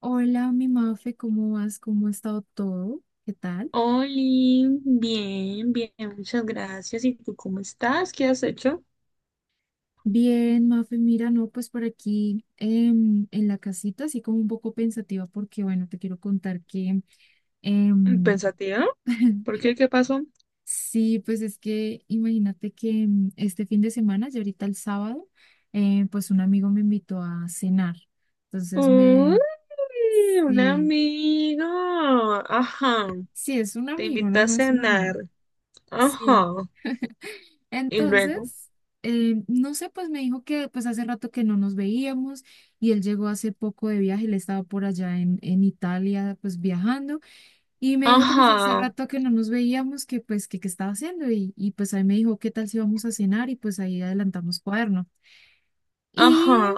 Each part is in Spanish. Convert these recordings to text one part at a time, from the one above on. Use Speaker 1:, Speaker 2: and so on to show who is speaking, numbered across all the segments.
Speaker 1: Hola, mi Mafe, ¿cómo vas? ¿Cómo ha estado todo? ¿Qué tal?
Speaker 2: Oli, bien, bien, muchas gracias. ¿Y tú cómo estás? ¿Qué has hecho?
Speaker 1: Bien, Mafe, mira, no, pues por aquí en la casita, así como un poco pensativa, porque bueno, te quiero contar que em,
Speaker 2: Pensativa. ¿Por qué? ¿Qué pasó?
Speaker 1: sí, pues es que imagínate que este fin de semana, ya ahorita el sábado, pues un amigo me invitó a cenar. Entonces
Speaker 2: Uy,
Speaker 1: me,
Speaker 2: un
Speaker 1: sí,
Speaker 2: amigo. Ajá.
Speaker 1: sí, es un
Speaker 2: Te
Speaker 1: amigo,
Speaker 2: invitó
Speaker 1: no
Speaker 2: a
Speaker 1: más un amigo.
Speaker 2: cenar. Ajá.
Speaker 1: Sí.
Speaker 2: Y luego.
Speaker 1: Entonces, no sé, pues me dijo que pues hace rato que no nos veíamos y él llegó hace poco de viaje, él estaba por allá en Italia pues viajando y me dijo que pues hace
Speaker 2: Ajá.
Speaker 1: rato que no nos veíamos, que pues que qué estaba haciendo y pues ahí me dijo qué tal si vamos a cenar y pues ahí adelantamos cuaderno. Y
Speaker 2: Ajá.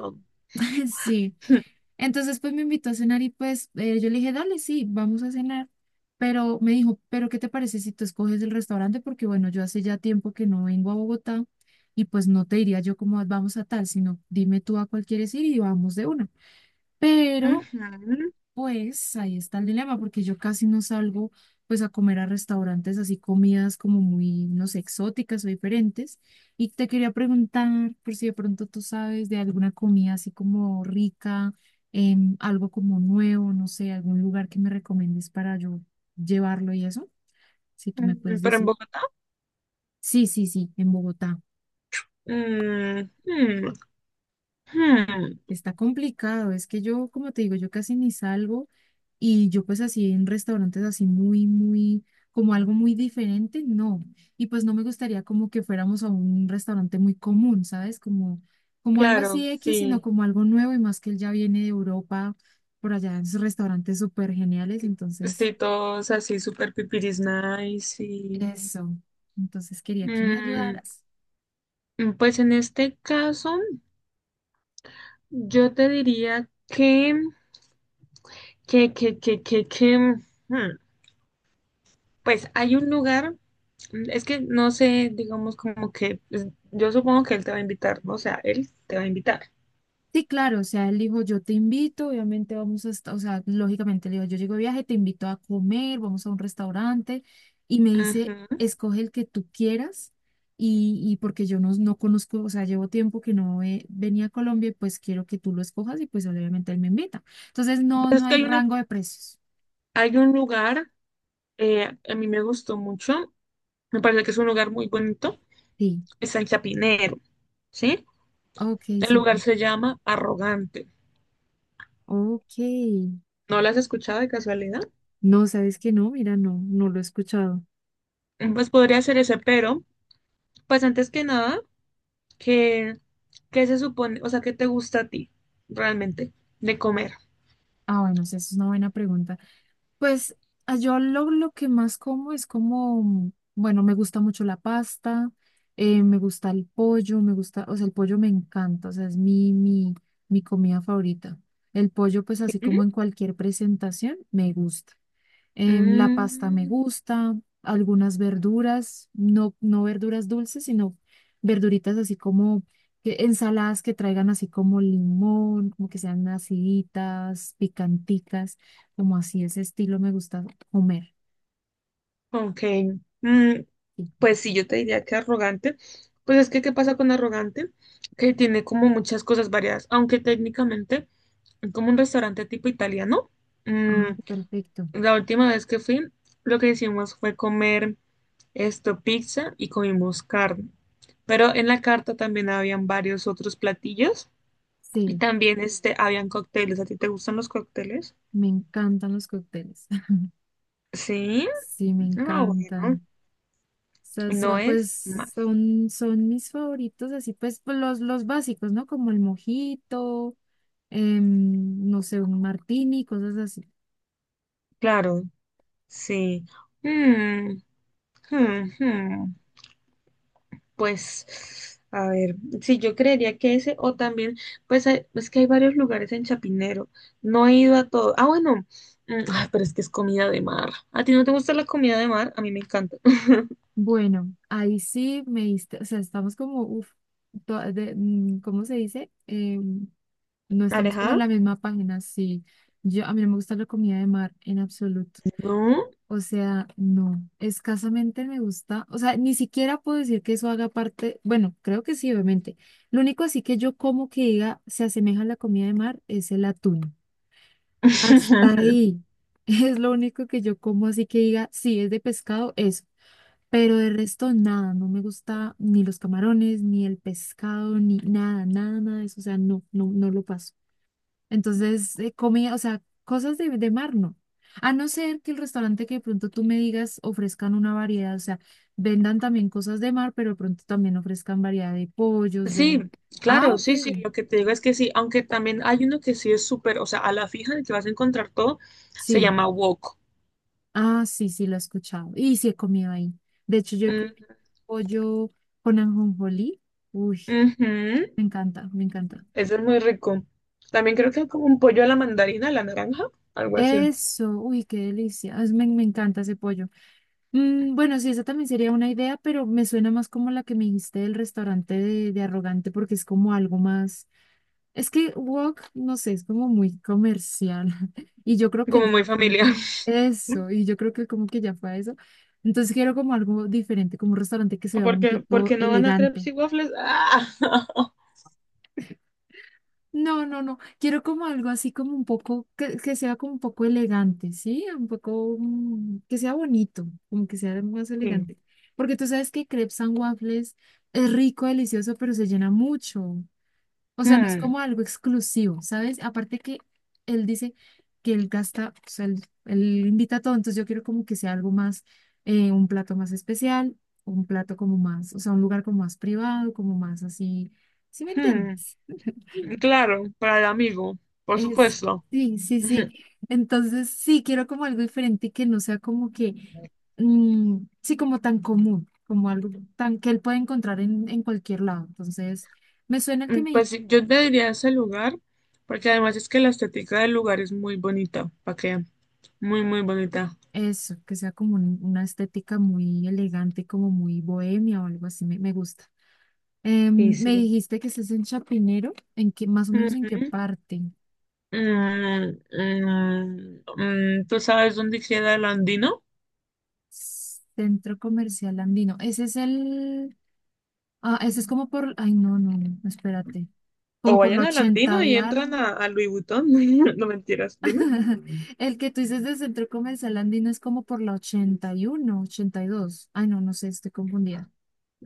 Speaker 1: sí. Entonces, pues me invitó a cenar y pues yo le dije, dale, sí, vamos a cenar. Pero me dijo, pero ¿qué te parece si tú escoges el restaurante? Porque bueno, yo hace ya tiempo que no vengo a Bogotá y pues no te diría yo como vamos a tal, sino dime tú a cuál quieres ir y vamos de una. Pero
Speaker 2: Ujú.
Speaker 1: pues ahí está el dilema, porque yo casi no salgo pues a comer a restaurantes así comidas como muy, no sé, exóticas o diferentes. Y te quería preguntar por si de pronto tú sabes de alguna comida así como rica, algo como nuevo, no sé, algún lugar que me recomiendes para yo llevarlo y eso, si tú me puedes
Speaker 2: Pero en
Speaker 1: decir.
Speaker 2: Bogotá.
Speaker 1: Sí, sí, sí, en Bogotá.
Speaker 2: Mm, hmm, hmm.
Speaker 1: Está complicado, es que yo, como te digo, yo casi ni salgo. Y yo pues así en restaurantes así muy, muy, como algo muy diferente, no. Y pues no me gustaría como que fuéramos a un restaurante muy común, ¿sabes? Como algo
Speaker 2: Claro,
Speaker 1: así X, sino
Speaker 2: sí.
Speaker 1: como algo nuevo y más que él ya viene de Europa, por allá en sus restaurantes súper geniales. Entonces,
Speaker 2: Sí, todos así, súper pipiris nice y.
Speaker 1: eso. Entonces quería que me ayudaras.
Speaker 2: Pues en este caso, yo te diría que, mm, pues hay un lugar, es que no sé, digamos como que, pues, yo supongo que él te va a invitar, ¿no? O sea, él te va a invitar.
Speaker 1: Sí, claro, o sea, él dijo, yo te invito, obviamente vamos a estar, o sea, lógicamente le digo, yo llego de viaje, te invito a comer, vamos a un restaurante, y me dice,
Speaker 2: Ujú.
Speaker 1: escoge el que tú quieras, y porque yo no conozco, o sea, llevo tiempo que no venía a Colombia, y pues quiero que tú lo escojas, y pues obviamente él me invita. Entonces, no,
Speaker 2: Pues
Speaker 1: no
Speaker 2: es que
Speaker 1: hay rango de precios.
Speaker 2: hay un lugar, a mí me gustó mucho, me parece que es un lugar muy bonito,
Speaker 1: Sí,
Speaker 2: es en Chapinero, ¿sí?
Speaker 1: ok,
Speaker 2: El lugar
Speaker 1: súper.
Speaker 2: se llama Arrogante.
Speaker 1: Ok.
Speaker 2: ¿No lo has escuchado de casualidad?
Speaker 1: No, sabes que no, mira, no, no lo he escuchado.
Speaker 2: Pues podría ser ese, pero pues antes que nada. ¿Qué, qué se supone? O sea, ¿qué te gusta a ti realmente de comer?
Speaker 1: Ah, bueno, sí, esa es una buena pregunta. Pues yo lo que más como es como, bueno, me gusta mucho la pasta, me gusta el pollo, me gusta, o sea, el pollo me encanta, o sea, es mi comida favorita. El pollo, pues así
Speaker 2: Ujú.
Speaker 1: como en cualquier presentación, me gusta. La pasta me
Speaker 2: Mm,
Speaker 1: gusta, algunas verduras, no, no verduras dulces, sino verduritas así como ensaladas que traigan así como limón, como que sean aciditas, picanticas, como así ese estilo me gusta comer.
Speaker 2: ok. Mm,
Speaker 1: Sí.
Speaker 2: pues sí, yo te diría que arrogante. Pues es que, ¿qué pasa con arrogante? Que tiene como muchas cosas variadas, aunque técnicamente es como un restaurante tipo italiano.
Speaker 1: Ah,
Speaker 2: Mm,
Speaker 1: perfecto.
Speaker 2: la última vez que fui, lo que hicimos fue comer esto, pizza y comimos carne. Pero en la carta también habían varios otros platillos. Y
Speaker 1: Sí,
Speaker 2: también este, habían cócteles. ¿A ti te gustan los cócteles?
Speaker 1: me encantan los cócteles.
Speaker 2: Sí.
Speaker 1: Sí, me
Speaker 2: Ah, bueno.
Speaker 1: encantan. Sea,
Speaker 2: No es
Speaker 1: pues
Speaker 2: más.
Speaker 1: son mis favoritos, así pues, los básicos, ¿no? Como el mojito, no sé, un martini, cosas así.
Speaker 2: Claro, sí. Mm, hmm, hmm. Pues, a ver, sí, yo creería que ese, o también es que hay varios lugares en Chapinero. No he ido a todo. Ah, bueno. Ay, pero es que es comida de mar. ¿A ti no te gusta la comida de mar? A mí me encanta.
Speaker 1: Bueno, ahí sí me diste, o sea, estamos como, uff, ¿cómo se dice? No estamos como en
Speaker 2: ¿Alejada?
Speaker 1: la misma página, sí. Yo, a mí no me gusta la comida de mar en absoluto.
Speaker 2: No.
Speaker 1: O sea, no, escasamente me gusta, o sea, ni siquiera puedo decir que eso haga parte, bueno, creo que sí, obviamente. Lo único así que yo como que diga se asemeja a la comida de mar es el atún. Hasta ahí es lo único que yo como así que diga, sí, es de pescado, eso. Pero de resto nada, no me gusta ni los camarones, ni el pescado, ni nada, nada, nada de eso, o sea, no, no, no lo paso. Entonces, comida, o sea, cosas de mar no. A no ser que el restaurante que de pronto tú me digas ofrezcan una variedad, o sea, vendan también cosas de mar, pero de pronto también ofrezcan variedad de pollos,
Speaker 2: Sí,
Speaker 1: de... Ah,
Speaker 2: claro,
Speaker 1: ok,
Speaker 2: sí, sí, lo que te digo es que sí, aunque también hay uno que sí es súper, o sea, a la fija en el que vas a encontrar todo, se
Speaker 1: sí.
Speaker 2: llama wok.
Speaker 1: Ah, sí, sí, lo he escuchado. Y sí he comido ahí. De hecho, yo he comido
Speaker 2: Mm,
Speaker 1: pollo con ajonjolí. Uy,
Speaker 2: ujú,
Speaker 1: me encanta, me encanta.
Speaker 2: ese es muy rico. También creo que es como un pollo a la mandarina, a la naranja, algo así,
Speaker 1: Eso, uy, qué delicia. Me encanta ese pollo. Mm, bueno, sí, esa también sería una idea, pero me suena más como la que me dijiste del restaurante de Arrogante, porque es como algo más. Es que Wok, no sé, es como muy comercial. Y yo creo que
Speaker 2: como
Speaker 1: él ya
Speaker 2: muy familiar.
Speaker 1: pronto. Eso, y yo creo que como que ya fue a eso. Entonces quiero como algo diferente, como un restaurante que sea
Speaker 2: ¿Por
Speaker 1: un
Speaker 2: qué, por
Speaker 1: tipo
Speaker 2: qué no van a crepes
Speaker 1: elegante.
Speaker 2: y waffles? Ah,
Speaker 1: No, no, no. Quiero como algo así como un poco, que sea como un poco elegante, ¿sí? Un poco, que sea bonito, como que sea más
Speaker 2: sí.
Speaker 1: elegante. Porque tú sabes que crepes and waffles es rico, delicioso, pero se llena mucho. O sea, no es
Speaker 2: Mm,
Speaker 1: como algo exclusivo, ¿sabes? Aparte que él dice que él gasta, o sea, él invita a todo, entonces yo quiero como que sea algo más, un plato más especial, un plato como más, o sea, un lugar como más privado, como más así, ¿sí me
Speaker 2: mm,
Speaker 1: entiendes?
Speaker 2: claro, para el amigo, por
Speaker 1: Es,
Speaker 2: supuesto.
Speaker 1: sí, sí, sí. Entonces, sí, quiero como algo diferente y que no sea como que, sí, como tan común, como algo tan que él puede encontrar en cualquier lado. Entonces, me suena el que
Speaker 2: Mm,
Speaker 1: me
Speaker 2: Pues sí, yo te diría ese lugar, porque además es que la estética del lugar es muy bonita, ¿para qué? Muy, muy bonita.
Speaker 1: eso, que sea como una estética muy elegante, como muy bohemia o algo así, me gusta.
Speaker 2: Sí,
Speaker 1: Me
Speaker 2: sí.
Speaker 1: dijiste que estás en Chapinero, ¿en qué, más o menos en qué
Speaker 2: Ujú.
Speaker 1: parte?
Speaker 2: ¿Tú sabes dónde queda el Andino?
Speaker 1: Centro Comercial Andino. Ese es el. Ah, ese es como por, ay, no, no, no, espérate,
Speaker 2: O
Speaker 1: como por la
Speaker 2: vayan al Andino
Speaker 1: 80 y
Speaker 2: y entran
Speaker 1: algo.
Speaker 2: a Louis Vuitton. No mentiras, dime.
Speaker 1: El que tú dices del centro comercial Andino es como por la 80, 81, 82. Ay, no, no sé, estoy confundida.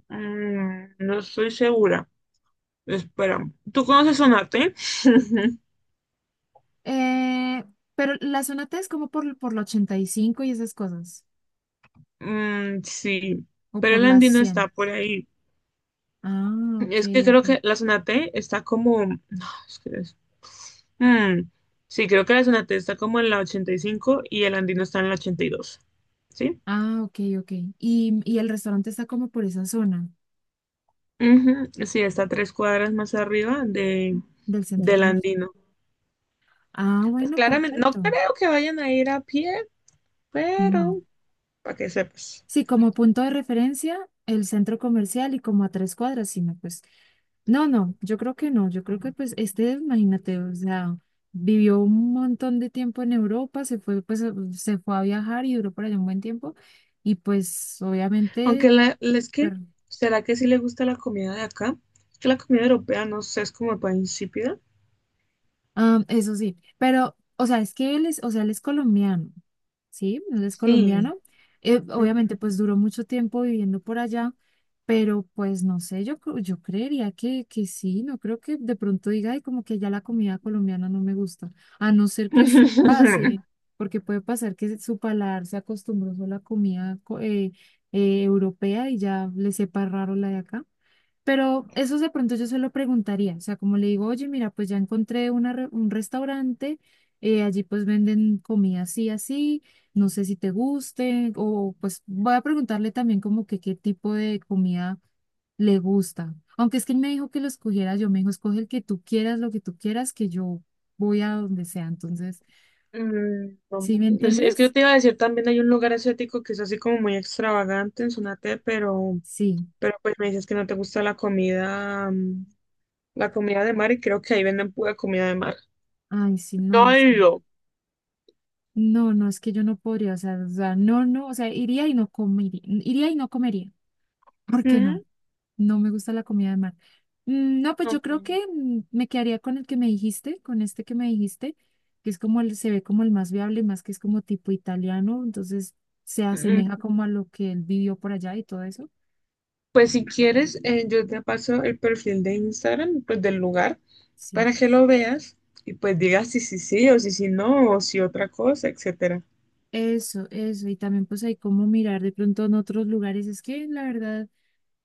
Speaker 2: No estoy segura. Espera, ¿tú conoces Sonate?
Speaker 1: Eh, pero la zona T es como por la 85 y esas cosas,
Speaker 2: Mm, sí,
Speaker 1: o
Speaker 2: pero
Speaker 1: por
Speaker 2: el
Speaker 1: las
Speaker 2: Andino está
Speaker 1: 100.
Speaker 2: por ahí.
Speaker 1: Ah, ok,
Speaker 2: Es que
Speaker 1: ok.
Speaker 2: creo que la Sonate está como, no, es que, mm, sí, creo que la Zonate está como en la 85 y el Andino está en la 82. ¿Sí?
Speaker 1: Ah, ok, ok. Y el restaurante está como por esa zona
Speaker 2: Ujú, sí, está 3 cuadras más arriba
Speaker 1: del centro
Speaker 2: del
Speaker 1: comercial.
Speaker 2: Andino.
Speaker 1: Ah,
Speaker 2: Pues
Speaker 1: bueno,
Speaker 2: claramente, no
Speaker 1: perfecto.
Speaker 2: creo que vayan a ir a pie,
Speaker 1: No.
Speaker 2: pero para que sepas.
Speaker 1: Sí, como punto de referencia, el centro comercial y como a 3 cuadras, sino pues, no, no, yo creo que no, yo creo que pues este, imagínate, o sea, vivió un montón de tiempo en Europa, se fue, pues, se fue a viajar y duró por allá un buen tiempo, y pues
Speaker 2: Aunque
Speaker 1: obviamente
Speaker 2: es que, ¿será que sí le gusta la comida de acá? Es que la comida europea, no sé, es como para insípida.
Speaker 1: Ah, eso sí, pero, o sea, es que él es, o sea, él es colombiano, ¿sí? Él es
Speaker 2: Sí.
Speaker 1: colombiano.
Speaker 2: Ujú.
Speaker 1: Obviamente, pues duró mucho tiempo viviendo por allá, pero pues no sé, yo creería que sí, no creo que de pronto diga, ay, como que ya la comida colombiana no me gusta, a no ser que se pase, porque puede pasar que su paladar se acostumbró solo a la comida europea y ya le sepa raro la de acá. Pero eso de pronto yo se lo preguntaría, o sea, como le digo, oye, mira, pues ya encontré un restaurante, allí pues venden comida así, así, no sé si te guste, o pues voy a preguntarle también como que qué tipo de comida le gusta. Aunque es que él me dijo que lo escogiera yo, me dijo, escoge el que tú quieras, lo que tú quieras, que yo voy a donde sea. Entonces,
Speaker 2: Mm, no
Speaker 1: ¿sí me
Speaker 2: me- no es que yo
Speaker 1: entiendes?
Speaker 2: te iba a decir, también hay un lugar asiático que es así como muy extravagante en Sonate, pero
Speaker 1: Sí.
Speaker 2: pues me dices que no te gusta la comida, la comida de mar, y creo que ahí venden pura comida de mar.
Speaker 1: Ay, sí,
Speaker 2: No
Speaker 1: no. Sí.
Speaker 2: he ido.
Speaker 1: No, no, es que yo no podría, o sea, no, no, o sea, iría y no comería, iría y no comería. ¿Por qué
Speaker 2: Mm,
Speaker 1: no? No me gusta la comida de mar. Mm. No, pues yo
Speaker 2: ok.
Speaker 1: creo que me quedaría con el que me dijiste, con este que me dijiste, que es como el, se ve como el más viable, más que es como tipo italiano, entonces se
Speaker 2: Mm,
Speaker 1: asemeja como a lo que él vivió por allá y todo eso.
Speaker 2: Pues si quieres, yo te paso el perfil de Instagram, pues del lugar,
Speaker 1: Sí.
Speaker 2: para que lo veas y pues digas si sí sí o si sí no o si otra cosa, etcétera.
Speaker 1: Eso, eso. Y también pues hay como mirar de pronto en otros lugares. Es que la verdad.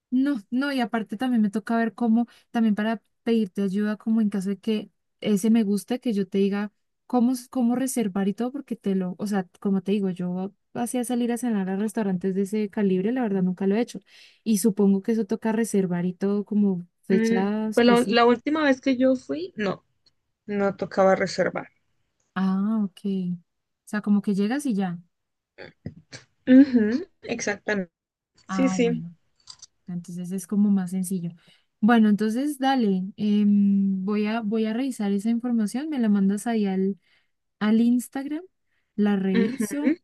Speaker 1: No, no, y aparte también me toca ver cómo, también para pedirte ayuda, como en caso de que ese me guste, que yo te diga cómo, cómo reservar y todo, porque te lo, o sea, como te digo, yo hacía salir a cenar a restaurantes de ese calibre, la verdad nunca lo he hecho. Y supongo que eso toca reservar y todo como
Speaker 2: Mm,
Speaker 1: fecha
Speaker 2: Pues la
Speaker 1: específica.
Speaker 2: la última vez que yo fui, no, no tocaba reservar.
Speaker 1: Ah, ok. O sea, como que llegas y ya.
Speaker 2: Ujú, exactamente. Sí,
Speaker 1: Ah,
Speaker 2: sí.
Speaker 1: bueno. Entonces es como más sencillo. Bueno, entonces dale, voy a, revisar esa información, me la mandas ahí al Instagram, la
Speaker 2: Ujú,
Speaker 1: reviso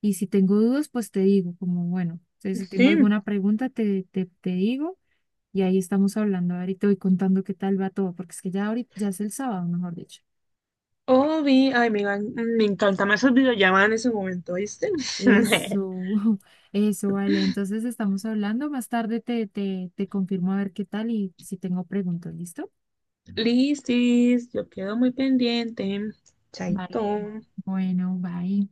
Speaker 1: y si tengo dudas, pues te digo, como bueno, si tengo
Speaker 2: sí.
Speaker 1: alguna pregunta, te digo y ahí estamos hablando. Ahorita y te voy contando qué tal va todo, porque es que ya ahorita, ya es el sábado, mejor dicho.
Speaker 2: Oh, vi. Ay, me encanta más el videollamada en ese momento, ¿viste?
Speaker 1: Eso, eso, vale. Entonces estamos hablando. Más tarde te confirmo a ver qué tal y si tengo preguntas, ¿listo?
Speaker 2: Listis, yo quedo muy pendiente. Chaito.
Speaker 1: Vale. Bueno, bye.